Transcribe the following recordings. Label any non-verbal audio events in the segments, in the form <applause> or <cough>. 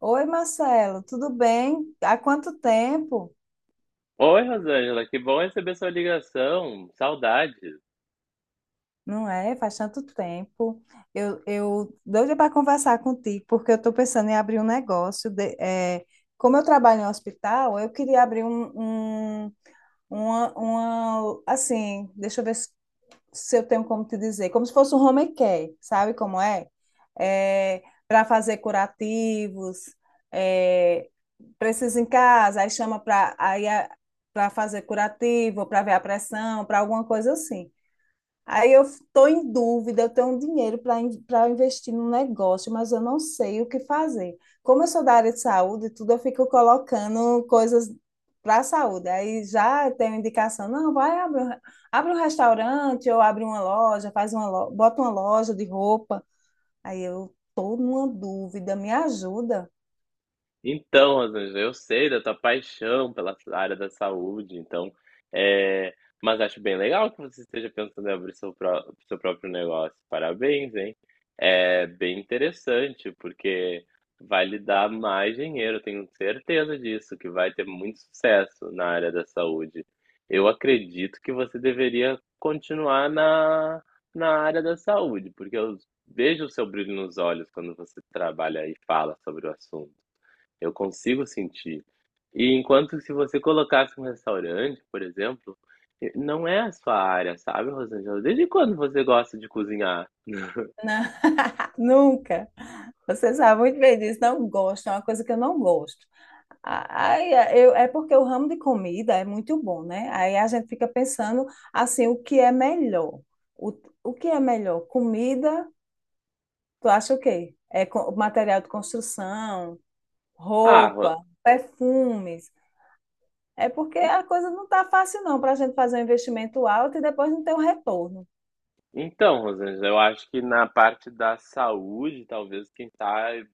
Oi, Marcelo, tudo bem? Há quanto tempo? Oi, Rosângela, que bom receber sua ligação. Saudades. Não é? Faz tanto tempo. Eu doida para conversar contigo, porque eu estou pensando em abrir um negócio. Como eu trabalho em hospital, eu queria abrir um, um- uma, assim, deixa eu ver, se eu tenho como te dizer, como se fosse um home care, sabe como é? É para fazer curativos, é, precisa em casa, aí chama para aí para fazer curativo, para ver a pressão, para alguma coisa assim. Aí eu estou em dúvida, eu tenho um dinheiro para para investir no negócio, mas eu não sei o que fazer. Como eu sou da área de saúde, e tudo eu fico colocando coisas para a saúde. Aí já tenho indicação, não, vai abre, abre um restaurante ou abre uma loja, faz uma bota uma loja de roupa. Aí eu estou numa dúvida, me ajuda? Então, Rosângela, eu sei da tua paixão pela área da saúde, então, é, mas acho bem legal que você esteja pensando em abrir seu próprio negócio. Parabéns, hein? É bem interessante, porque vai lhe dar mais dinheiro, eu tenho certeza disso, que vai ter muito sucesso na área da saúde. Eu acredito que você deveria continuar na área da saúde, porque eu vejo o seu brilho nos olhos quando você trabalha e fala sobre o assunto. Eu consigo sentir. E enquanto se você colocasse um restaurante, por exemplo, não é a sua área, sabe, Rosângela? Desde quando você gosta de cozinhar? Não, <laughs> nunca. Você sabe muito bem disso, não gosto, é uma coisa que eu não gosto. É porque o ramo de comida é muito bom, né? Aí a gente fica pensando assim, o que é melhor? O, o que é melhor? Comida, tu acha o quê? Material de construção, Ah, roupa, perfumes. É porque a coisa não tá fácil não para a gente fazer um investimento alto e depois não ter um retorno. então, Rosângela, eu acho que na parte da saúde, talvez quem sabe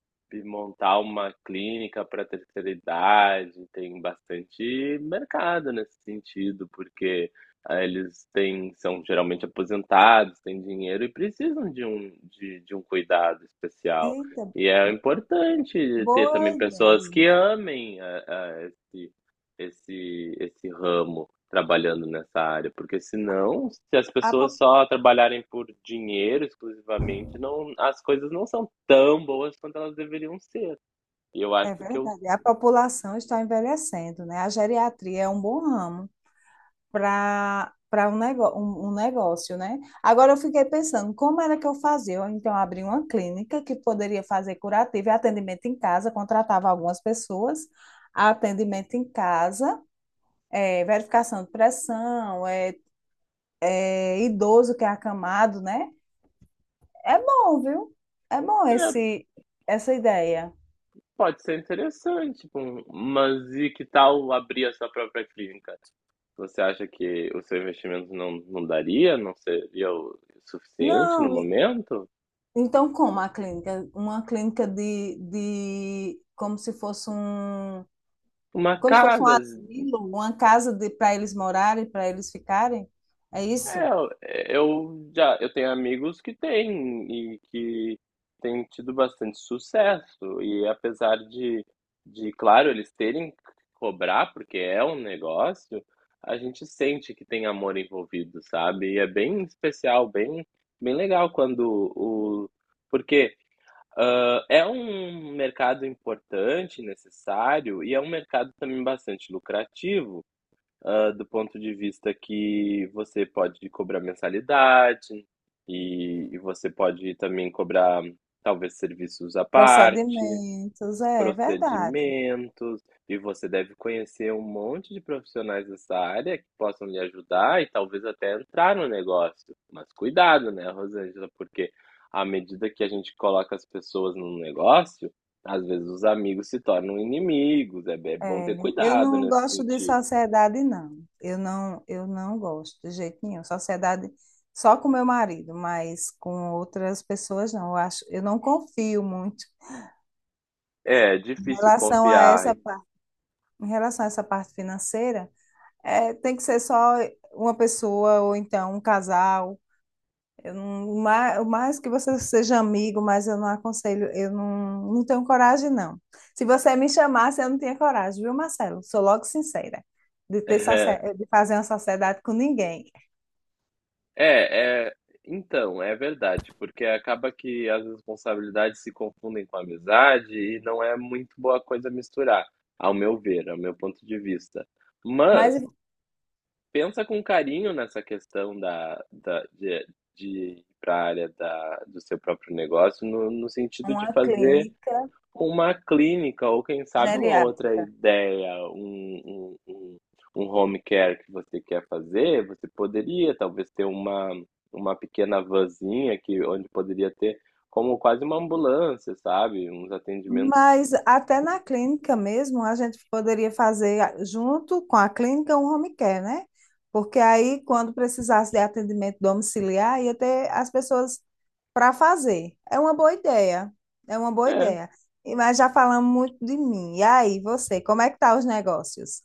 montar uma clínica para terceira idade, tem bastante mercado nesse sentido, porque são geralmente aposentados, têm dinheiro e precisam de um cuidado especial. Eita, E é importante ter boa também pessoas que ideia. amem esse ramo trabalhando nessa área, porque senão, se as A pessoas po- só trabalharem por dinheiro exclusivamente, não, as coisas não são tão boas quanto elas deveriam ser. E eu É acho que eu, verdade, a população está envelhecendo, né? A geriatria é um bom ramo. Para um negócio, né? Agora eu fiquei pensando, como era que eu fazia? Eu, então, abri uma clínica que poderia fazer curativo e atendimento em casa, contratava algumas pessoas, atendimento em casa, verificação de pressão, idoso que é acamado, né? É bom, viu? É bom é, essa ideia. Pode ser interessante, tipo, mas e que tal abrir a sua própria clínica? Você acha que o seu investimento não daria, não seria o suficiente no Não, e- momento? Então como a clínica? Uma clínica de como se fosse um... Uma Como se fosse um casa. asilo, uma casa para eles morarem, para eles ficarem. É isso? É, eu tenho amigos que têm tido bastante sucesso e apesar de, claro, eles terem que cobrar, porque é um negócio, a gente sente que tem amor envolvido, sabe? E é bem especial, bem legal quando o porque ah, é um mercado importante, necessário e é um mercado também bastante lucrativo, do ponto de vista que você pode cobrar mensalidade e você pode também cobrar, talvez, serviços à parte, Procedimentos, é verdade. procedimentos, e você deve conhecer um monte de profissionais dessa área que possam lhe ajudar e talvez até entrar no negócio. Mas cuidado, né, Rosângela, porque à medida que a gente coloca as pessoas no negócio, às vezes os amigos se tornam inimigos. É, é bom ter É, eu cuidado não nesse gosto de sentido. sociedade, não. Eu não gosto de jeito nenhum. Sociedade só com meu marido, mas com outras pessoas não. Eu acho, eu não confio muito. É, Em difícil relação a essa confiar. parte, em relação a essa parte financeira, é, tem que ser só uma pessoa ou então um casal. Eu não, o ma- O mais que você seja amigo, mas eu não aconselho, eu não, não tenho coragem, não. Se você me chamasse, eu não tinha coragem, viu, Marcelo? Sou logo sincera, de ter <laughs> de fazer uma sociedade com ninguém. É, é, então, é verdade, porque acaba que as responsabilidades se confundem com a amizade e não é muito boa coisa misturar, ao meu ver, ao meu ponto de vista. Mas Mas pensa com carinho nessa questão de ir para a área do seu próprio negócio, no sentido de uma fazer clínica uma clínica, ou quem sabe uma outra geriátrica. ideia, um home care que você quer fazer, você poderia talvez ter uma pequena vanzinha onde poderia ter como quase uma ambulância, sabe? Uns atendimentos. Mas até na clínica mesmo, a gente poderia fazer junto com a clínica um home care, né? Porque aí, quando precisasse de atendimento domiciliar, ia ter as pessoas para fazer. É uma boa ideia. É uma boa É. ideia. Mas já falamos muito de mim. E aí, você, como é que tá os negócios?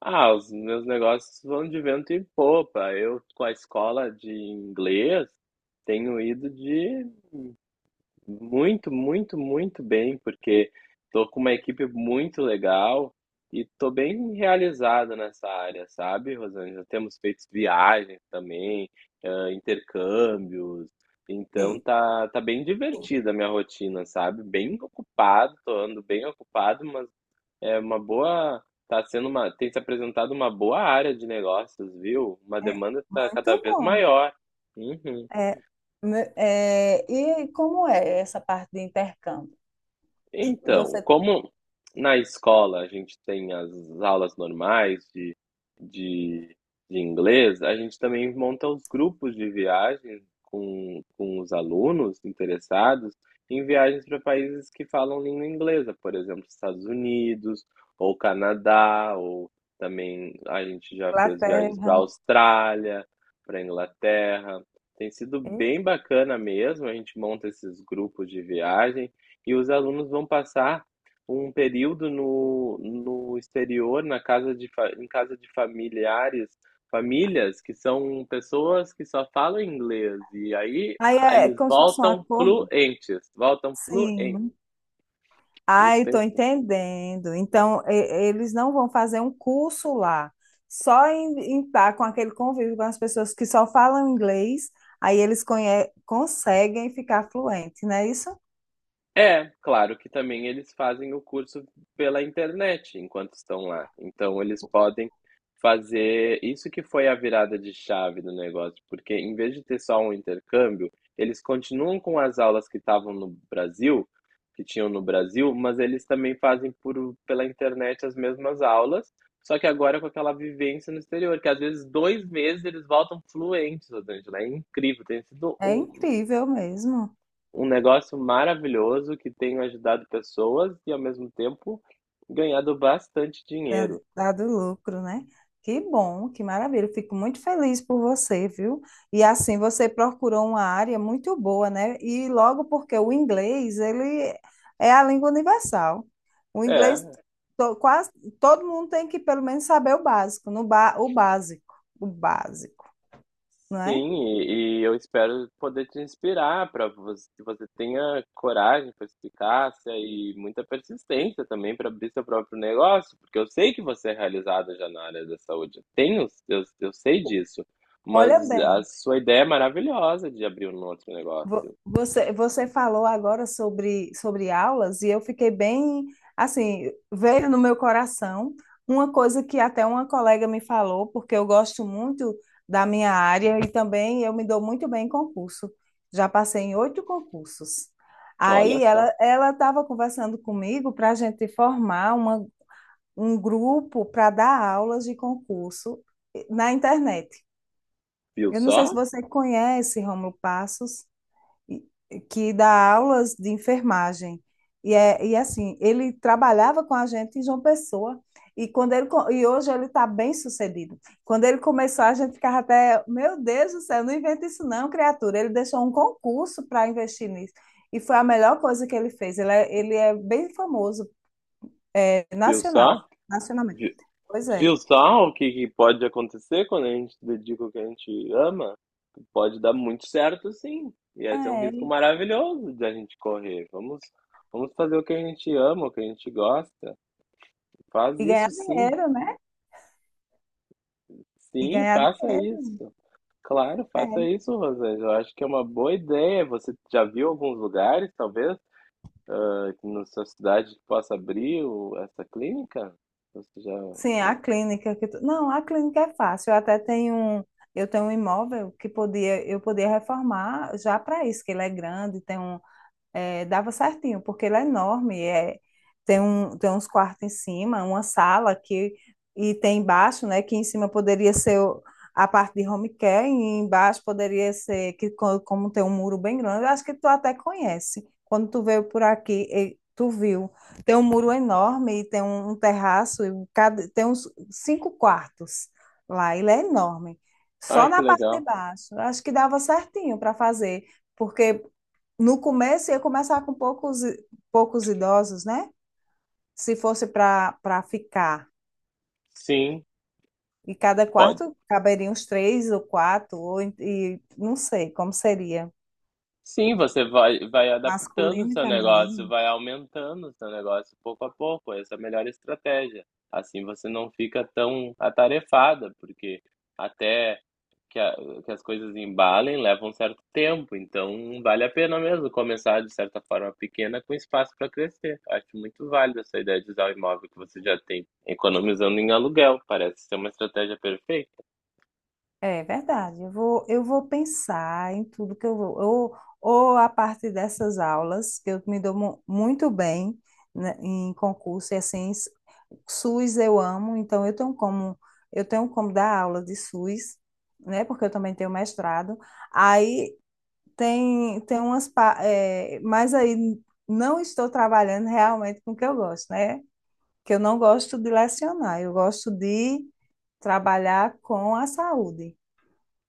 Ah, os meus negócios vão de vento em popa. Eu, com a escola de inglês, tenho ido de Muito, muito, muito bem, porque tô com uma equipe muito legal e tô bem realizado nessa área, sabe, Rosângela? Temos feito viagens também, intercâmbios, então E- tá bem Sim. divertida a minha rotina, sabe? Bem ocupado, tô andando bem ocupado, mas é uma boa, tá sendo uma, tem se apresentado uma boa área de negócios, viu? Uma É demanda tá cada muito vez bom. maior. Uhum. É, e como é essa parte de intercâmbio? Então, Você... como na escola a gente tem as aulas normais de, de inglês, a gente também monta os grupos de viagens com os alunos interessados em viagens para países que falam língua inglesa, por exemplo, Estados Unidos, ou Canadá, ou também a gente já fez viagens Inglaterra. para Austrália, para Inglaterra. Tem sido É? bem bacana mesmo, a gente monta esses grupos de viagem e os alunos vão passar um período no exterior, na casa de, fa- em casa de familiares, famílias que são pessoas que só falam inglês. E aí Aí é eles como se fosse um voltam acordo? fluentes, voltam fluentes. Sim. Isso Ai, tem estou sim. entendendo. Então, eles não vão fazer um curso lá, só em, em tá com aquele convívio com as pessoas que só falam inglês, aí eles conseguem ficar fluentes, não é isso? É, claro que também eles fazem o curso pela internet enquanto estão lá, então eles podem fazer isso que foi a virada de chave do negócio, porque em vez de ter só um intercâmbio, eles continuam com as aulas que tinham no Brasil, mas eles também fazem pela internet as mesmas aulas, só que agora com aquela vivência no exterior, que às vezes dois meses eles voltam fluentes, Rosângela, é incrível, tem sido É incrível mesmo. um negócio maravilhoso que tenho ajudado pessoas e ao mesmo tempo ganhado bastante da- dinheiro. Dado lucro, né? Que bom, que maravilha. Eu fico muito feliz por você, viu? E assim, você procurou uma área muito boa, né? E logo porque o inglês, ele é a língua universal. O inglês, É, quase todo mundo tem que pelo menos saber o básico, no ba, o básico, não é? sim, e eu espero poder te inspirar para que você tenha coragem, perspicácia e muita persistência também para abrir seu próprio negócio, porque eu sei que você é realizada já na área da saúde. Eu sei disso, mas Olha a bem. sua ideia é maravilhosa de abrir um outro Vo- negócio. Você, você falou agora sobre aulas e eu fiquei bem, assim, veio no meu coração uma coisa que até uma colega me falou, porque eu gosto muito da minha área e também eu me dou muito bem em concurso. Já passei em oito concursos. Olha Aí só, ela estava conversando comigo para a gente formar uma, um grupo para dar aulas de concurso na internet. viu Eu não sei se só? você conhece Rômulo Passos que dá aulas de enfermagem. E assim, ele trabalhava com a gente em João Pessoa. E, quando ele, e hoje ele está bem sucedido. Quando ele começou, a gente ficava até, meu Deus do céu, não inventa isso não, criatura. Ele deixou um concurso para investir nisso. E foi a melhor coisa que ele fez. Ele é bem famoso, Viu nacional, só? nacionalmente. Pois é. Viu só o que, que pode acontecer quando a gente dedica o que a gente ama? Pode dar muito certo, sim. E esse é um É, risco e maravilhoso de a gente correr. Vamos, vamos fazer o que a gente ama, o que a gente gosta. Faz e ganhar isso, sim. dinheiro, né? E Sim, ganhar faça dinheiro. isso. Claro, faça É. isso, Rosângela. Eu acho que é uma boa ideia. Você já viu alguns lugares, talvez, na sua cidade que possa abrir essa clínica? Você já, Sim, já... a clínica que tu... Não, a clínica é fácil. Eu tenho um imóvel que podia, eu podia reformar já para isso, que ele é grande, tem um, é, dava certinho, porque ele é enorme, é, tem um, tem uns quartos em cima, uma sala que e tem embaixo, né, que em cima poderia ser a parte de home care e embaixo poderia ser que como tem um muro bem grande, eu acho que tu até conhece. Quando tu veio por aqui, tu viu. Tem um muro enorme e tem um, um terraço e cada, tem uns cinco quartos lá, ele é enorme. Ai, Só que na parte de legal. baixo. Eu acho que dava certinho para fazer, porque no começo ia começar com poucos, poucos idosos, né? Se fosse para para ficar. Sim, E cada pode. quarto caberiam uns três ou quatro, ou, e não sei como seria. Sim, você vai adaptando o Masculino e seu negócio, feminino. vai aumentando o seu negócio pouco a pouco, essa é a melhor estratégia. Assim você não fica tão atarefada, porque até que a que as coisas embalem, leva um certo tempo, então vale a pena mesmo começar de certa forma pequena com espaço para crescer. Acho muito válido essa ideia de usar o imóvel que você já tem, economizando em aluguel, parece ser uma estratégia perfeita. É verdade. Eu vou pensar em tudo que eu vou. Ou a parte dessas aulas, que eu me dou muito bem né, em concurso, e assim, SUS eu amo, então eu tenho como dar aula de SUS, né? Porque eu também tenho mestrado. Aí tem umas mas aí não estou trabalhando realmente com o que eu gosto, né? Que eu não gosto de lecionar, eu gosto de trabalhar com a saúde.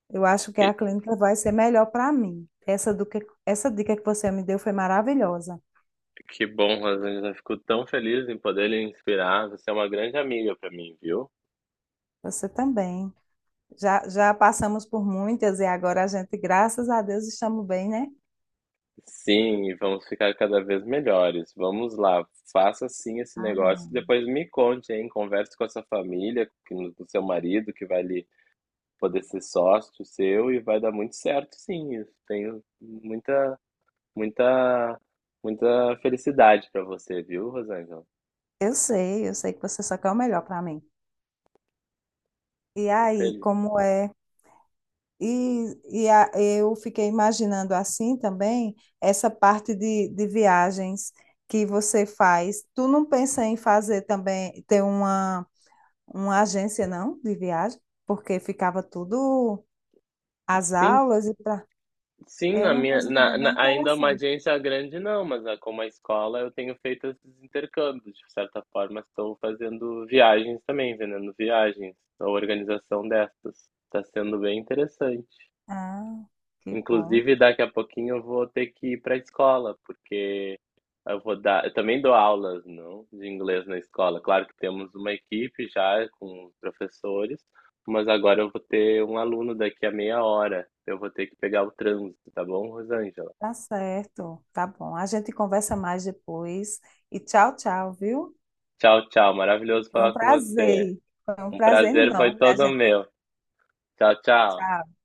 Eu acho que a clínica vai ser melhor para mim. Essa dica que você me deu foi maravilhosa. Que bom, Rosângela. Fico tão feliz em poder lhe inspirar. Você é uma grande amiga para mim, viu? Você também. Já passamos por muitas e agora a gente, graças a Deus, estamos bem, né? Sim, e vamos ficar cada vez melhores. Vamos lá, faça sim esse negócio. Amém. Depois me conte, hein? Converse com a sua família, com o seu marido, que vai lhe poder ser sócio seu, e vai dar muito certo, sim. Isso. Tenho muita, muita, muita felicidade para você, viu, Rosângela? Eu sei que você só quer o melhor para mim. E Tô aí, feliz. como é? E, eu fiquei imaginando assim também essa parte de viagens que você faz. Tu não pensa em fazer também, ter uma agência, não, de viagem? Porque ficava tudo, as Sim, aulas e pra... Sim, É na uma minha coisa na também bem na ainda uma interessante. agência grande não, mas a como a escola eu tenho feito esses intercâmbios, de certa forma estou fazendo viagens também, vendendo viagens, a organização dessas. Está sendo bem interessante. Ah, que bom. Inclusive daqui a pouquinho eu vou ter que ir para a escola, porque eu vou dar eu também dou aulas, não, de inglês na escola. Claro que temos uma equipe já com os professores, mas agora eu vou ter um aluno daqui a meia hora, eu vou ter que pegar o trânsito, tá bom, Rosângela? Tá certo, tá bom. A gente conversa mais depois. E tchau, tchau, viu? Tchau, tchau. Maravilhoso Foi um falar com você. prazer. Foi um Um prazer prazer foi enorme. A todo gente, meu. Tchau, tchau. tchau.